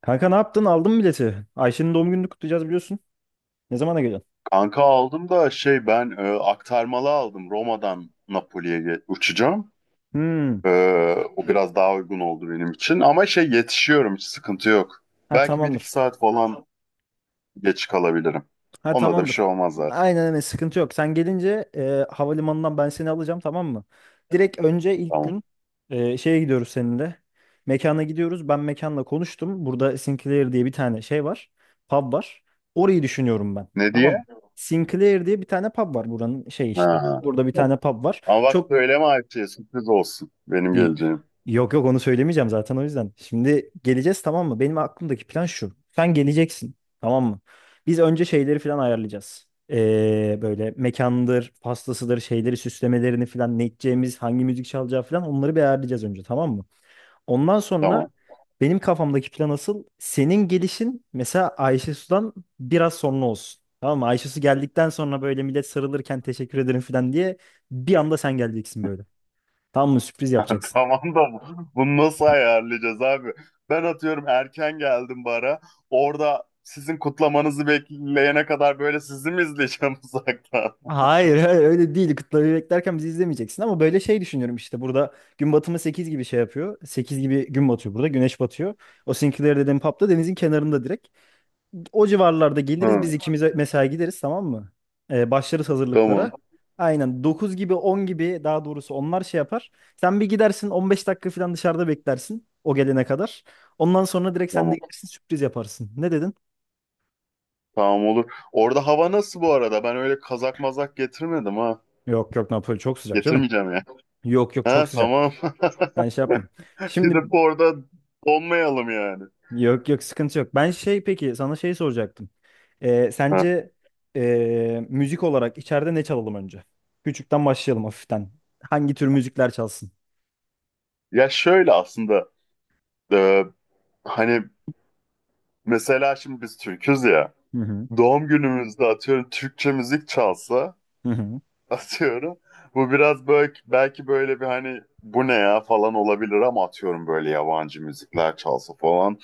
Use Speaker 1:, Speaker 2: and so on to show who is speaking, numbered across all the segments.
Speaker 1: Kanka, ne yaptın? Aldın mı bileti? Ayşe'nin doğum gününü kutlayacağız, biliyorsun. Ne zamana geliyorsun?
Speaker 2: Kanka aldım da şey ben aktarmalı aldım. Roma'dan Napoli'ye uçacağım.
Speaker 1: Hmm.
Speaker 2: E, O biraz daha uygun oldu benim için. Ama şey yetişiyorum, hiç sıkıntı yok.
Speaker 1: Ha,
Speaker 2: Belki bir iki
Speaker 1: tamamdır.
Speaker 2: saat falan geç kalabilirim.
Speaker 1: Ha,
Speaker 2: Ona da bir
Speaker 1: tamamdır.
Speaker 2: şey olmaz zaten.
Speaker 1: Aynen öyle, sıkıntı yok. Sen gelince havalimanından ben seni alacağım, tamam mı? Direkt önce ilk
Speaker 2: Tamam.
Speaker 1: gün şeye gidiyoruz seninle. Mekana gidiyoruz. Ben mekanla konuştum. Burada Sinclair diye bir tane şey var. Pub var. Orayı düşünüyorum ben.
Speaker 2: Ne
Speaker 1: Tamam mı?
Speaker 2: diye?
Speaker 1: Sinclair diye bir tane pub var buranın şey işte.
Speaker 2: Ha.
Speaker 1: Burada bir tane pub var.
Speaker 2: Ama bak
Speaker 1: Çok
Speaker 2: söyleme Ayça'ya, sürpriz olsun benim
Speaker 1: Y-
Speaker 2: geleceğim.
Speaker 1: Yok yok, onu söylemeyeceğim zaten, o yüzden. Şimdi geleceğiz, tamam mı? Benim aklımdaki plan şu. Sen geleceksin, tamam mı? Biz önce şeyleri falan ayarlayacağız. Böyle mekandır, pastasıdır, şeyleri, süslemelerini falan, ne içeceğimiz, hangi müzik çalacağı falan, onları bir ayarlayacağız önce, tamam mı? Ondan sonra
Speaker 2: Tamam.
Speaker 1: benim kafamdaki plan asıl senin gelişin, mesela Ayşe Su'dan biraz sonra olsun. Tamam mı? Ayşe Su geldikten sonra böyle millet sarılırken teşekkür ederim falan diye bir anda sen geleceksin böyle. Tamam mı? Sürpriz yapacaksın.
Speaker 2: Tamam da bunu nasıl ayarlayacağız abi? Ben atıyorum erken geldim bara. Orada sizin kutlamanızı bekleyene kadar böyle sizi mi izleyeceğim uzaktan?
Speaker 1: Hayır, hayır, öyle değil. Kıtları beklerken bizi izlemeyeceksin, ama böyle şey düşünüyorum işte: burada gün batımı 8 gibi şey yapıyor. 8 gibi gün batıyor burada. Güneş batıyor. O Sinclair dediğim pub'da, denizin kenarında direkt. O civarlarda geliriz
Speaker 2: Hı,
Speaker 1: biz ikimiz, mesela gideriz, tamam mı? Başlarız
Speaker 2: tamam.
Speaker 1: hazırlıklara. Aynen, 9 gibi, 10 gibi, daha doğrusu onlar şey yapar. Sen bir gidersin, 15 dakika falan dışarıda beklersin o gelene kadar. Ondan sonra direkt sen de
Speaker 2: Tamam.
Speaker 1: gelirsin, sürpriz yaparsın. Ne dedin?
Speaker 2: Tamam olur. Orada hava nasıl bu arada? Ben öyle kazak mazak getirmedim ha.
Speaker 1: Yok yok, Napoli çok sıcak canım.
Speaker 2: Getirmeyeceğim ya.
Speaker 1: Yok yok, çok
Speaker 2: Ha,
Speaker 1: sıcak.
Speaker 2: tamam.
Speaker 1: Ben şey yapma. Şimdi.
Speaker 2: Gidip orada donmayalım yani.
Speaker 1: Yok yok, sıkıntı yok. Ben şey, peki, sana şey soracaktım.
Speaker 2: Ha.
Speaker 1: Sence müzik olarak içeride ne çalalım önce? Küçükten başlayalım, hafiften. Hangi tür müzikler çalsın?
Speaker 2: Ya şöyle aslında, e, hani mesela şimdi biz Türk'üz ya.
Speaker 1: Hı hı.
Speaker 2: Doğum günümüzde atıyorum Türkçe müzik çalsa,
Speaker 1: Hı hı.
Speaker 2: atıyorum. Bu biraz böyle belki böyle bir, hani bu ne ya falan olabilir, ama atıyorum böyle yabancı müzikler çalsa falan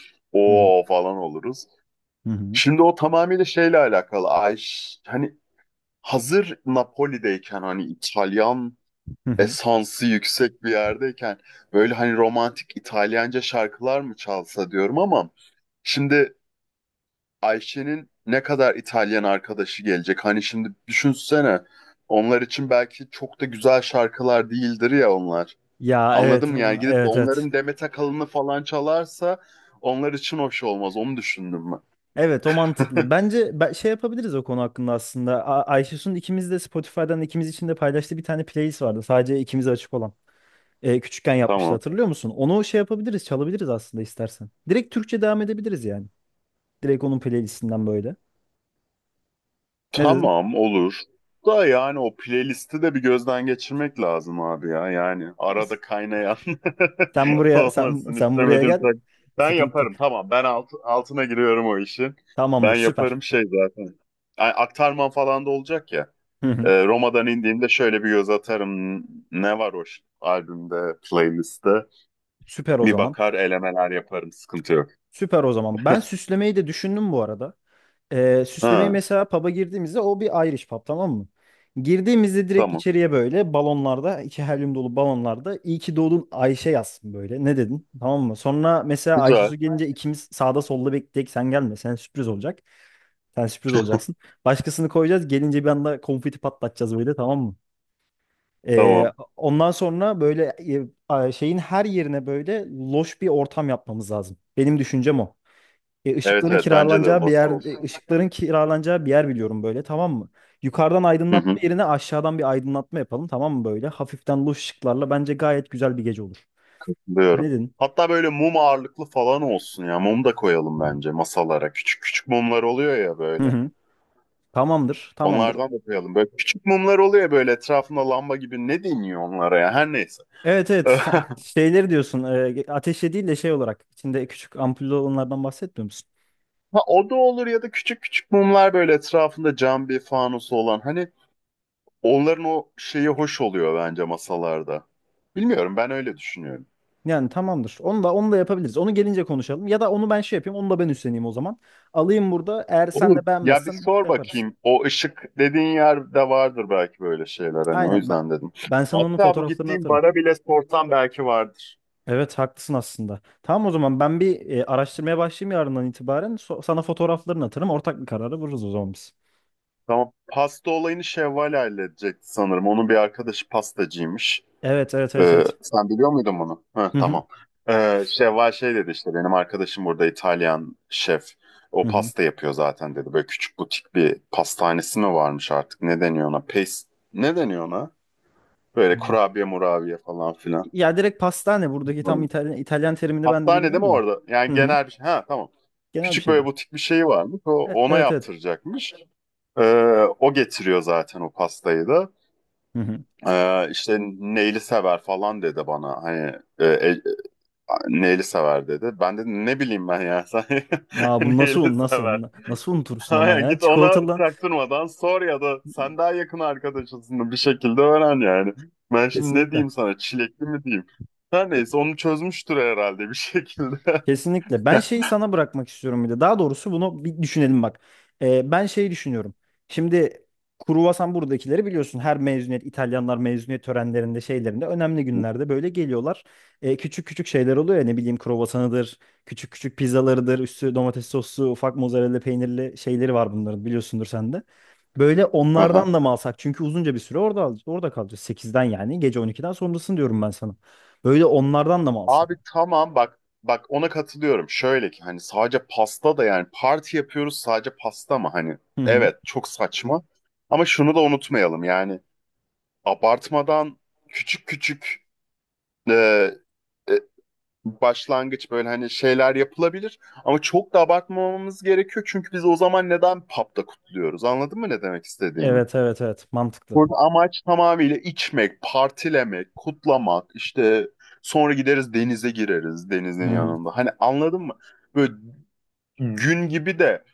Speaker 1: Hı hı.
Speaker 2: o falan oluruz.
Speaker 1: Hı hı.
Speaker 2: Şimdi o tamamıyla şeyle alakalı. Hani hazır Napoli'deyken hani İtalyan
Speaker 1: Hı hı.
Speaker 2: esansı yüksek bir yerdeyken, böyle hani romantik İtalyanca şarkılar mı çalsa diyorum. Ama şimdi Ayşe'nin ne kadar İtalyan arkadaşı gelecek? Hani şimdi düşünsene. Onlar için belki çok da güzel şarkılar değildir ya onlar.
Speaker 1: Ya
Speaker 2: Anladın
Speaker 1: evet,
Speaker 2: mı? Yani gidip de
Speaker 1: evet evet.
Speaker 2: onların Demet Akalın'ı falan çalarsa onlar için hoş olmaz. Onu düşündüm ben.
Speaker 1: Evet, o mantıklı. Bence ben, şey yapabiliriz o konu hakkında aslında. Ayşesun ikimiz de, Spotify'dan ikimiz için de paylaştığı bir tane playlist vardı. Sadece ikimize açık olan. Küçükken yapmıştı,
Speaker 2: Tamam.
Speaker 1: hatırlıyor musun? Onu şey yapabiliriz, çalabiliriz aslında, istersen. Direkt Türkçe devam edebiliriz yani. Direkt onun playlistinden böyle. Ne dedin?
Speaker 2: Tamam olur. Da yani o playlisti de bir gözden geçirmek lazım abi ya. Yani arada kaynayan
Speaker 1: Sen buraya sen,
Speaker 2: olmasın
Speaker 1: sen buraya
Speaker 2: istemedim.
Speaker 1: gel.
Speaker 2: Ben
Speaker 1: Sıkıntı yok.
Speaker 2: yaparım, tamam. Ben altına giriyorum o işi.
Speaker 1: Tamamdır,
Speaker 2: Ben
Speaker 1: süper.
Speaker 2: yaparım şey zaten. Ay, aktarman falan da olacak ya.
Speaker 1: Hı hı.
Speaker 2: Roma'dan indiğimde şöyle bir göz atarım. Ne var o albümde, playlistte.
Speaker 1: Süper o
Speaker 2: Bir
Speaker 1: zaman.
Speaker 2: bakar elemeler yaparım. Sıkıntı yok.
Speaker 1: Süper o zaman. Ben süslemeyi de düşündüm bu arada. Süslemeyi,
Speaker 2: Ha,
Speaker 1: mesela pub'a girdiğimizde, o bir Irish pub, tamam mı? Girdiğimizde direkt
Speaker 2: tamam.
Speaker 1: içeriye böyle iki helyum dolu balonlarda "iyi ki doğdun Ayşe" yazsın böyle. Ne dedin? Tamam mı? Sonra mesela Ayşe
Speaker 2: Güzel.
Speaker 1: Su gelince ikimiz sağda solda bekleyecek. Sen gelme. Sen sürpriz olacak. Sen sürpriz olacaksın. Başkasını koyacağız. Gelince bir anda konfeti patlatacağız böyle, tamam mı?
Speaker 2: Tamam.
Speaker 1: Ondan sonra böyle şeyin her yerine böyle loş bir ortam yapmamız lazım. Benim düşüncem o.
Speaker 2: Evet, evet, bence de Lost olsun.
Speaker 1: Işıkların kiralanacağı bir yer biliyorum böyle, tamam mı? Yukarıdan
Speaker 2: Hı
Speaker 1: aydınlatma
Speaker 2: hı.
Speaker 1: yerine aşağıdan bir aydınlatma yapalım, tamam mı böyle? Hafiften, loş ışıklarla bence gayet güzel bir gece olur. Ne
Speaker 2: Diyorum.
Speaker 1: dedin?
Speaker 2: Hatta böyle mum ağırlıklı falan olsun ya. Mum da koyalım bence masalara. Küçük küçük mumlar oluyor ya
Speaker 1: Hı
Speaker 2: böyle.
Speaker 1: hı. Tamamdır, tamamdır.
Speaker 2: Onlardan da koyalım. Böyle küçük mumlar oluyor ya, böyle etrafında lamba gibi. Ne deniyor onlara ya? Her neyse.
Speaker 1: Evet evet, şeyleri diyorsun, ateşe değil de şey olarak içinde küçük ampullü olanlardan bahsetmiyor musun?
Speaker 2: Ha, o da olur. Ya da küçük küçük mumlar böyle etrafında cam bir fanusu olan. Hani onların o şeyi hoş oluyor bence masalarda. Bilmiyorum, ben öyle düşünüyorum.
Speaker 1: Yani tamamdır. Onu da, onu da yapabiliriz. Onu gelince konuşalım. Ya da onu ben şey yapayım. Onu da ben üstleneyim o zaman. Alayım burada. Eğer sen
Speaker 2: Olur.
Speaker 1: de
Speaker 2: Ya bir
Speaker 1: beğenmezsen
Speaker 2: sor
Speaker 1: yaparız.
Speaker 2: bakayım. O ışık dediğin yerde vardır belki böyle şeyler. Hani o
Speaker 1: Aynen, ben,
Speaker 2: yüzden dedim.
Speaker 1: ben sana onun
Speaker 2: Hatta bu
Speaker 1: fotoğraflarını
Speaker 2: gittiğim
Speaker 1: atarım.
Speaker 2: bara bile sorsam belki vardır.
Speaker 1: Evet, haklısın aslında. Tamam, o zaman ben bir araştırmaya başlayayım yarından itibaren. Sana fotoğraflarını atarım. Ortak bir karara varırız o zaman biz.
Speaker 2: Tamam. Pasta olayını Şevval halledecekti sanırım. Onun bir arkadaşı pastacıymış.
Speaker 1: Evet evet evet evet.
Speaker 2: Sen biliyor muydun bunu? Hı,
Speaker 1: Hı hı.
Speaker 2: tamam. Şevval şey dedi işte, benim arkadaşım burada İtalyan şef. O
Speaker 1: Hı
Speaker 2: pasta yapıyor zaten dedi. Böyle küçük butik bir pastanesi mi varmış artık? Ne deniyor ona? Pes... Ne deniyor ona? Böyle
Speaker 1: hı.
Speaker 2: kurabiye murabiye falan filan.
Speaker 1: Ya direkt pastane buradaki tam
Speaker 2: Hı.
Speaker 1: İtalyan terimini ben de
Speaker 2: Hastanede mi
Speaker 1: bilmiyorum da.
Speaker 2: orada? Yani
Speaker 1: Hı hı.
Speaker 2: genel bir şey. Ha, tamam.
Speaker 1: Genel bir
Speaker 2: Küçük böyle
Speaker 1: şeydir.
Speaker 2: butik bir şey varmış. O, ona
Speaker 1: Evet evet.
Speaker 2: yaptıracakmış. Ee, O getiriyor zaten o pastayı da.
Speaker 1: Hı hı.
Speaker 2: İşte neyli sever falan dedi bana. Hani neyli sever dedi. Ben dedim ne bileyim ben, ya sen
Speaker 1: Aa, bu nasıl,
Speaker 2: neyli
Speaker 1: un
Speaker 2: sever.
Speaker 1: nasıl nasıl unutursun ama,
Speaker 2: Aynen,
Speaker 1: ya
Speaker 2: git ona
Speaker 1: çikolatalı
Speaker 2: çaktırmadan sor ya da sen daha yakın arkadaşısın, bir şekilde öğren yani. Ben şimdi ne
Speaker 1: kesinlikle.
Speaker 2: diyeyim sana, çilekli mi diyeyim? Her neyse onu çözmüştür herhalde bir şekilde.
Speaker 1: Kesinlikle. Ben şeyi sana bırakmak istiyorum bir de. Daha doğrusu bunu bir düşünelim bak. Ben şeyi düşünüyorum. Şimdi, kruvasan buradakileri biliyorsun. Her mezuniyet, İtalyanlar mezuniyet törenlerinde, şeylerinde, önemli günlerde böyle geliyorlar. Küçük küçük şeyler oluyor ya, ne bileyim, kruvasanıdır, küçük küçük pizzalarıdır, üstü domates soslu, ufak mozzarella peynirli şeyleri var bunların, biliyorsundur sen de. Böyle onlardan da mı alsak? Çünkü uzunca bir süre orada orada kalacağız. 8'den, yani gece 12'den sonrasını diyorum ben sana. Böyle onlardan da mı alsak?
Speaker 2: Abi tamam, bak bak ona katılıyorum. Şöyle ki hani sadece pasta da yani, parti yapıyoruz sadece pasta mı hani?
Speaker 1: Hı hı.
Speaker 2: Evet, çok saçma. Ama şunu da unutmayalım yani, abartmadan küçük küçük e, e, başlangıç böyle hani şeyler yapılabilir. Ama çok da abartmamamız gerekiyor çünkü biz o zaman neden pub'da kutluyoruz? Anladın mı ne demek istediğimi?
Speaker 1: Evet evet evet, mantıklı.
Speaker 2: Burada amaç tamamıyla içmek, partilemek, kutlamak, işte sonra gideriz, denize gireriz
Speaker 1: Hı
Speaker 2: denizin
Speaker 1: hı.
Speaker 2: yanında. Hani anladın mı? Böyle gün gibi de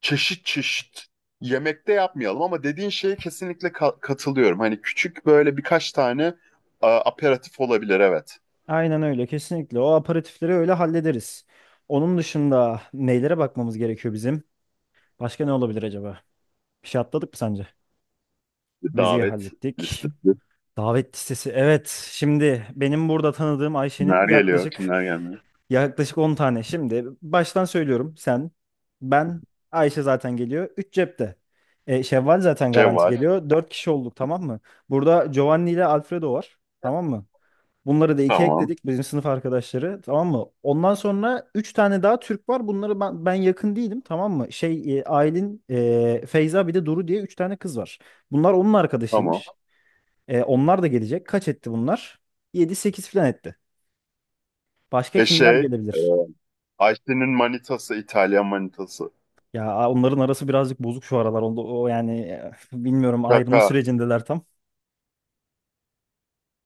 Speaker 2: çeşit çeşit yemek de yapmayalım, ama dediğin şeye kesinlikle katılıyorum. Hani küçük böyle birkaç tane aperatif olabilir, evet.
Speaker 1: Aynen öyle, kesinlikle. O aperatifleri öyle hallederiz. Onun dışında nelere bakmamız gerekiyor bizim? Başka ne olabilir acaba? Bir şey atladık mı sence? Müziği
Speaker 2: Davet
Speaker 1: hallettik.
Speaker 2: listesi.
Speaker 1: Davet listesi. Evet. Şimdi benim burada tanıdığım Ayşe'nin
Speaker 2: Kimler geliyor,
Speaker 1: yaklaşık
Speaker 2: kimler gelmiyor?
Speaker 1: yaklaşık 10 tane. Şimdi baştan söylüyorum. Sen, ben, Ayşe zaten geliyor. 3 cepte. Şevval zaten garanti
Speaker 2: Ceval.
Speaker 1: geliyor. 4 kişi olduk, tamam mı? Burada Giovanni ile Alfredo var. Tamam mı? Bunları da iki
Speaker 2: Tamam,
Speaker 1: ekledik, bizim sınıf arkadaşları, tamam mı? Ondan sonra üç tane daha Türk var. Bunları ben yakın değilim, tamam mı? Şey, Aylin, Feyza, bir de Duru diye üç tane kız var. Bunlar onun
Speaker 2: tamam.
Speaker 1: arkadaşıymış. Onlar da gelecek. Kaç etti bunlar? Yedi sekiz falan etti. Başka kimler
Speaker 2: Şey, e,
Speaker 1: gelebilir?
Speaker 2: Ayşe'nin manitası, İtalyan manitası.
Speaker 1: Ya onların arası birazcık bozuk şu aralar. Onda, o yani, bilmiyorum, ayrılma
Speaker 2: Kaka.
Speaker 1: sürecindeler tam.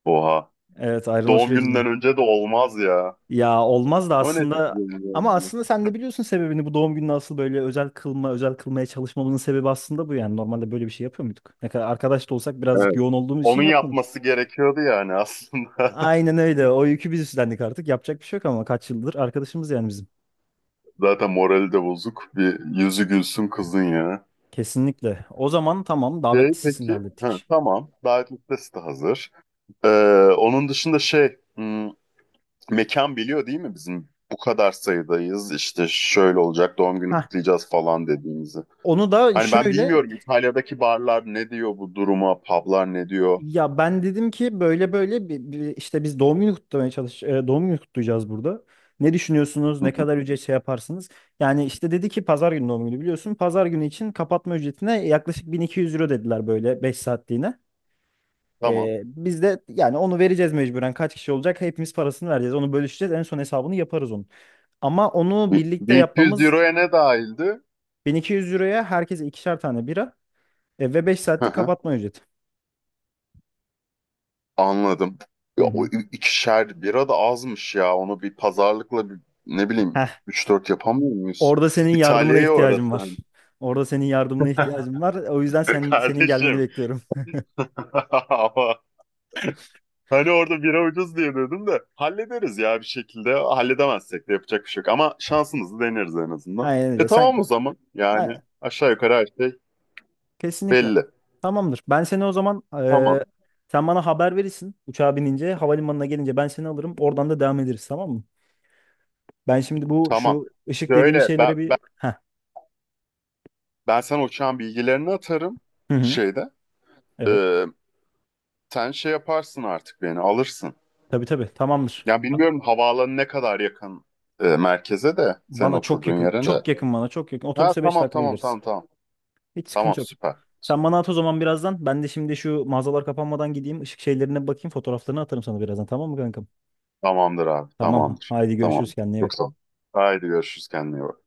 Speaker 2: Oha.
Speaker 1: Evet, ayrılma
Speaker 2: Doğum
Speaker 1: sürecinde.
Speaker 2: gününden önce de olmaz ya.
Speaker 1: Ya olmaz da
Speaker 2: Ama neyse.
Speaker 1: aslında, ama aslında sen de biliyorsun sebebini; bu doğum gününü asıl böyle özel kılmaya çalışmamızın sebebi aslında bu yani. Normalde böyle bir şey yapıyor muyduk? Ne kadar arkadaş da olsak, birazcık
Speaker 2: Evet.
Speaker 1: yoğun olduğumuz için
Speaker 2: Onun
Speaker 1: yapmadık.
Speaker 2: yapması gerekiyordu yani aslında.
Speaker 1: Aynen öyle. O yükü biz üstlendik artık. Yapacak bir şey yok, ama kaç yıldır arkadaşımız yani bizim.
Speaker 2: Zaten morali de bozuk. Bir yüzü gülsün kızın ya.
Speaker 1: Kesinlikle. O zaman tamam,
Speaker 2: Şey
Speaker 1: davet listesini
Speaker 2: peki. Ha,
Speaker 1: hallettik.
Speaker 2: tamam. Davet listesi de hazır. Ee, Onun dışında şey. Mekan biliyor değil mi bizim? Bu kadar sayıdayız. İşte şöyle olacak. Doğum günü
Speaker 1: Heh.
Speaker 2: kutlayacağız falan dediğimizi.
Speaker 1: Onu da
Speaker 2: Hani ben
Speaker 1: şöyle.
Speaker 2: bilmiyorum İtalya'daki barlar ne diyor bu duruma? Publar ne diyor?
Speaker 1: Ya ben dedim ki böyle böyle işte biz doğum günü doğum günü kutlayacağız burada. Ne düşünüyorsunuz?
Speaker 2: Hı
Speaker 1: Ne
Speaker 2: hı.
Speaker 1: kadar ücret şey yaparsınız? Yani işte dedi ki, pazar günü doğum günü, biliyorsun. Pazar günü için kapatma ücretine yaklaşık 1.200 euro dediler, böyle 5 saatliğine.
Speaker 2: Tamam.
Speaker 1: Biz de yani onu vereceğiz mecburen. Kaç kişi olacak? Hepimiz parasını vereceğiz. Onu bölüşeceğiz. En son hesabını yaparız onun. Ama onu birlikte
Speaker 2: 1200
Speaker 1: yapmamız.
Speaker 2: euroya ne dahildi?
Speaker 1: 1.200 euroya herkese ikişer tane bira ve 5
Speaker 2: Hı
Speaker 1: saatlik
Speaker 2: hı,
Speaker 1: kapatma ücreti.
Speaker 2: anladım.
Speaker 1: Hı
Speaker 2: Ya, o
Speaker 1: hı.
Speaker 2: ikişer bira da azmış ya. Onu bir pazarlıkla bir, ne bileyim üç dört yapamıyor muyuz?
Speaker 1: Orada senin yardımına
Speaker 2: İtalya'ya
Speaker 1: ihtiyacım var.
Speaker 2: uğratın.
Speaker 1: Orada senin yardımına ihtiyacım var. O yüzden senin gelmeni
Speaker 2: Kardeşim.
Speaker 1: bekliyorum.
Speaker 2: Ama hani orada bira ucuz diye dedim de hallederiz ya bir şekilde. Halledemezsek de yapacak bir şey yok. Ama şansımızı deneriz en azından.
Speaker 1: Aynen
Speaker 2: E
Speaker 1: öyle.
Speaker 2: tamam o zaman. Yani
Speaker 1: Ay-
Speaker 2: aşağı yukarı her şey
Speaker 1: kesinlikle.
Speaker 2: belli.
Speaker 1: Tamamdır. Ben seni o zaman
Speaker 2: Tamam.
Speaker 1: sen bana haber verirsin uçağa binince, havalimanına gelince ben seni alırım. Oradan da devam ederiz, tamam mı? Ben şimdi bu
Speaker 2: Tamam.
Speaker 1: şu ışık dediğimiz
Speaker 2: Şöyle
Speaker 1: şeylere bir. Heh.
Speaker 2: ben sana uçağın bilgilerini atarım
Speaker 1: Hı hı.
Speaker 2: şeyde.
Speaker 1: Evet.
Speaker 2: Sen şey yaparsın artık beni alırsın.
Speaker 1: Tabii tabii. Tamamdır.
Speaker 2: Ya bilmiyorum havaalanı ne kadar yakın, merkeze de, senin
Speaker 1: Bana çok
Speaker 2: oturduğun
Speaker 1: yakın.
Speaker 2: yere de.
Speaker 1: Çok yakın bana. Çok yakın.
Speaker 2: Ha,
Speaker 1: Otobüse 5
Speaker 2: tamam,
Speaker 1: dakikada
Speaker 2: tamam,
Speaker 1: gideriz.
Speaker 2: tamam, tamam.
Speaker 1: Hiç
Speaker 2: Tamam,
Speaker 1: sıkıntı yok.
Speaker 2: süper.
Speaker 1: Sen bana at o zaman birazdan. Ben de şimdi şu mağazalar kapanmadan gideyim. Işık şeylerine bakayım. Fotoğraflarını atarım sana birazdan. Tamam mı kankam?
Speaker 2: Tamamdır abi,
Speaker 1: Tamam.
Speaker 2: tamamdır.
Speaker 1: Haydi görüşürüz.
Speaker 2: Tamam.
Speaker 1: Kendine iyi
Speaker 2: Çok
Speaker 1: bak.
Speaker 2: sağ ol. Haydi görüşürüz, kendine iyi bak.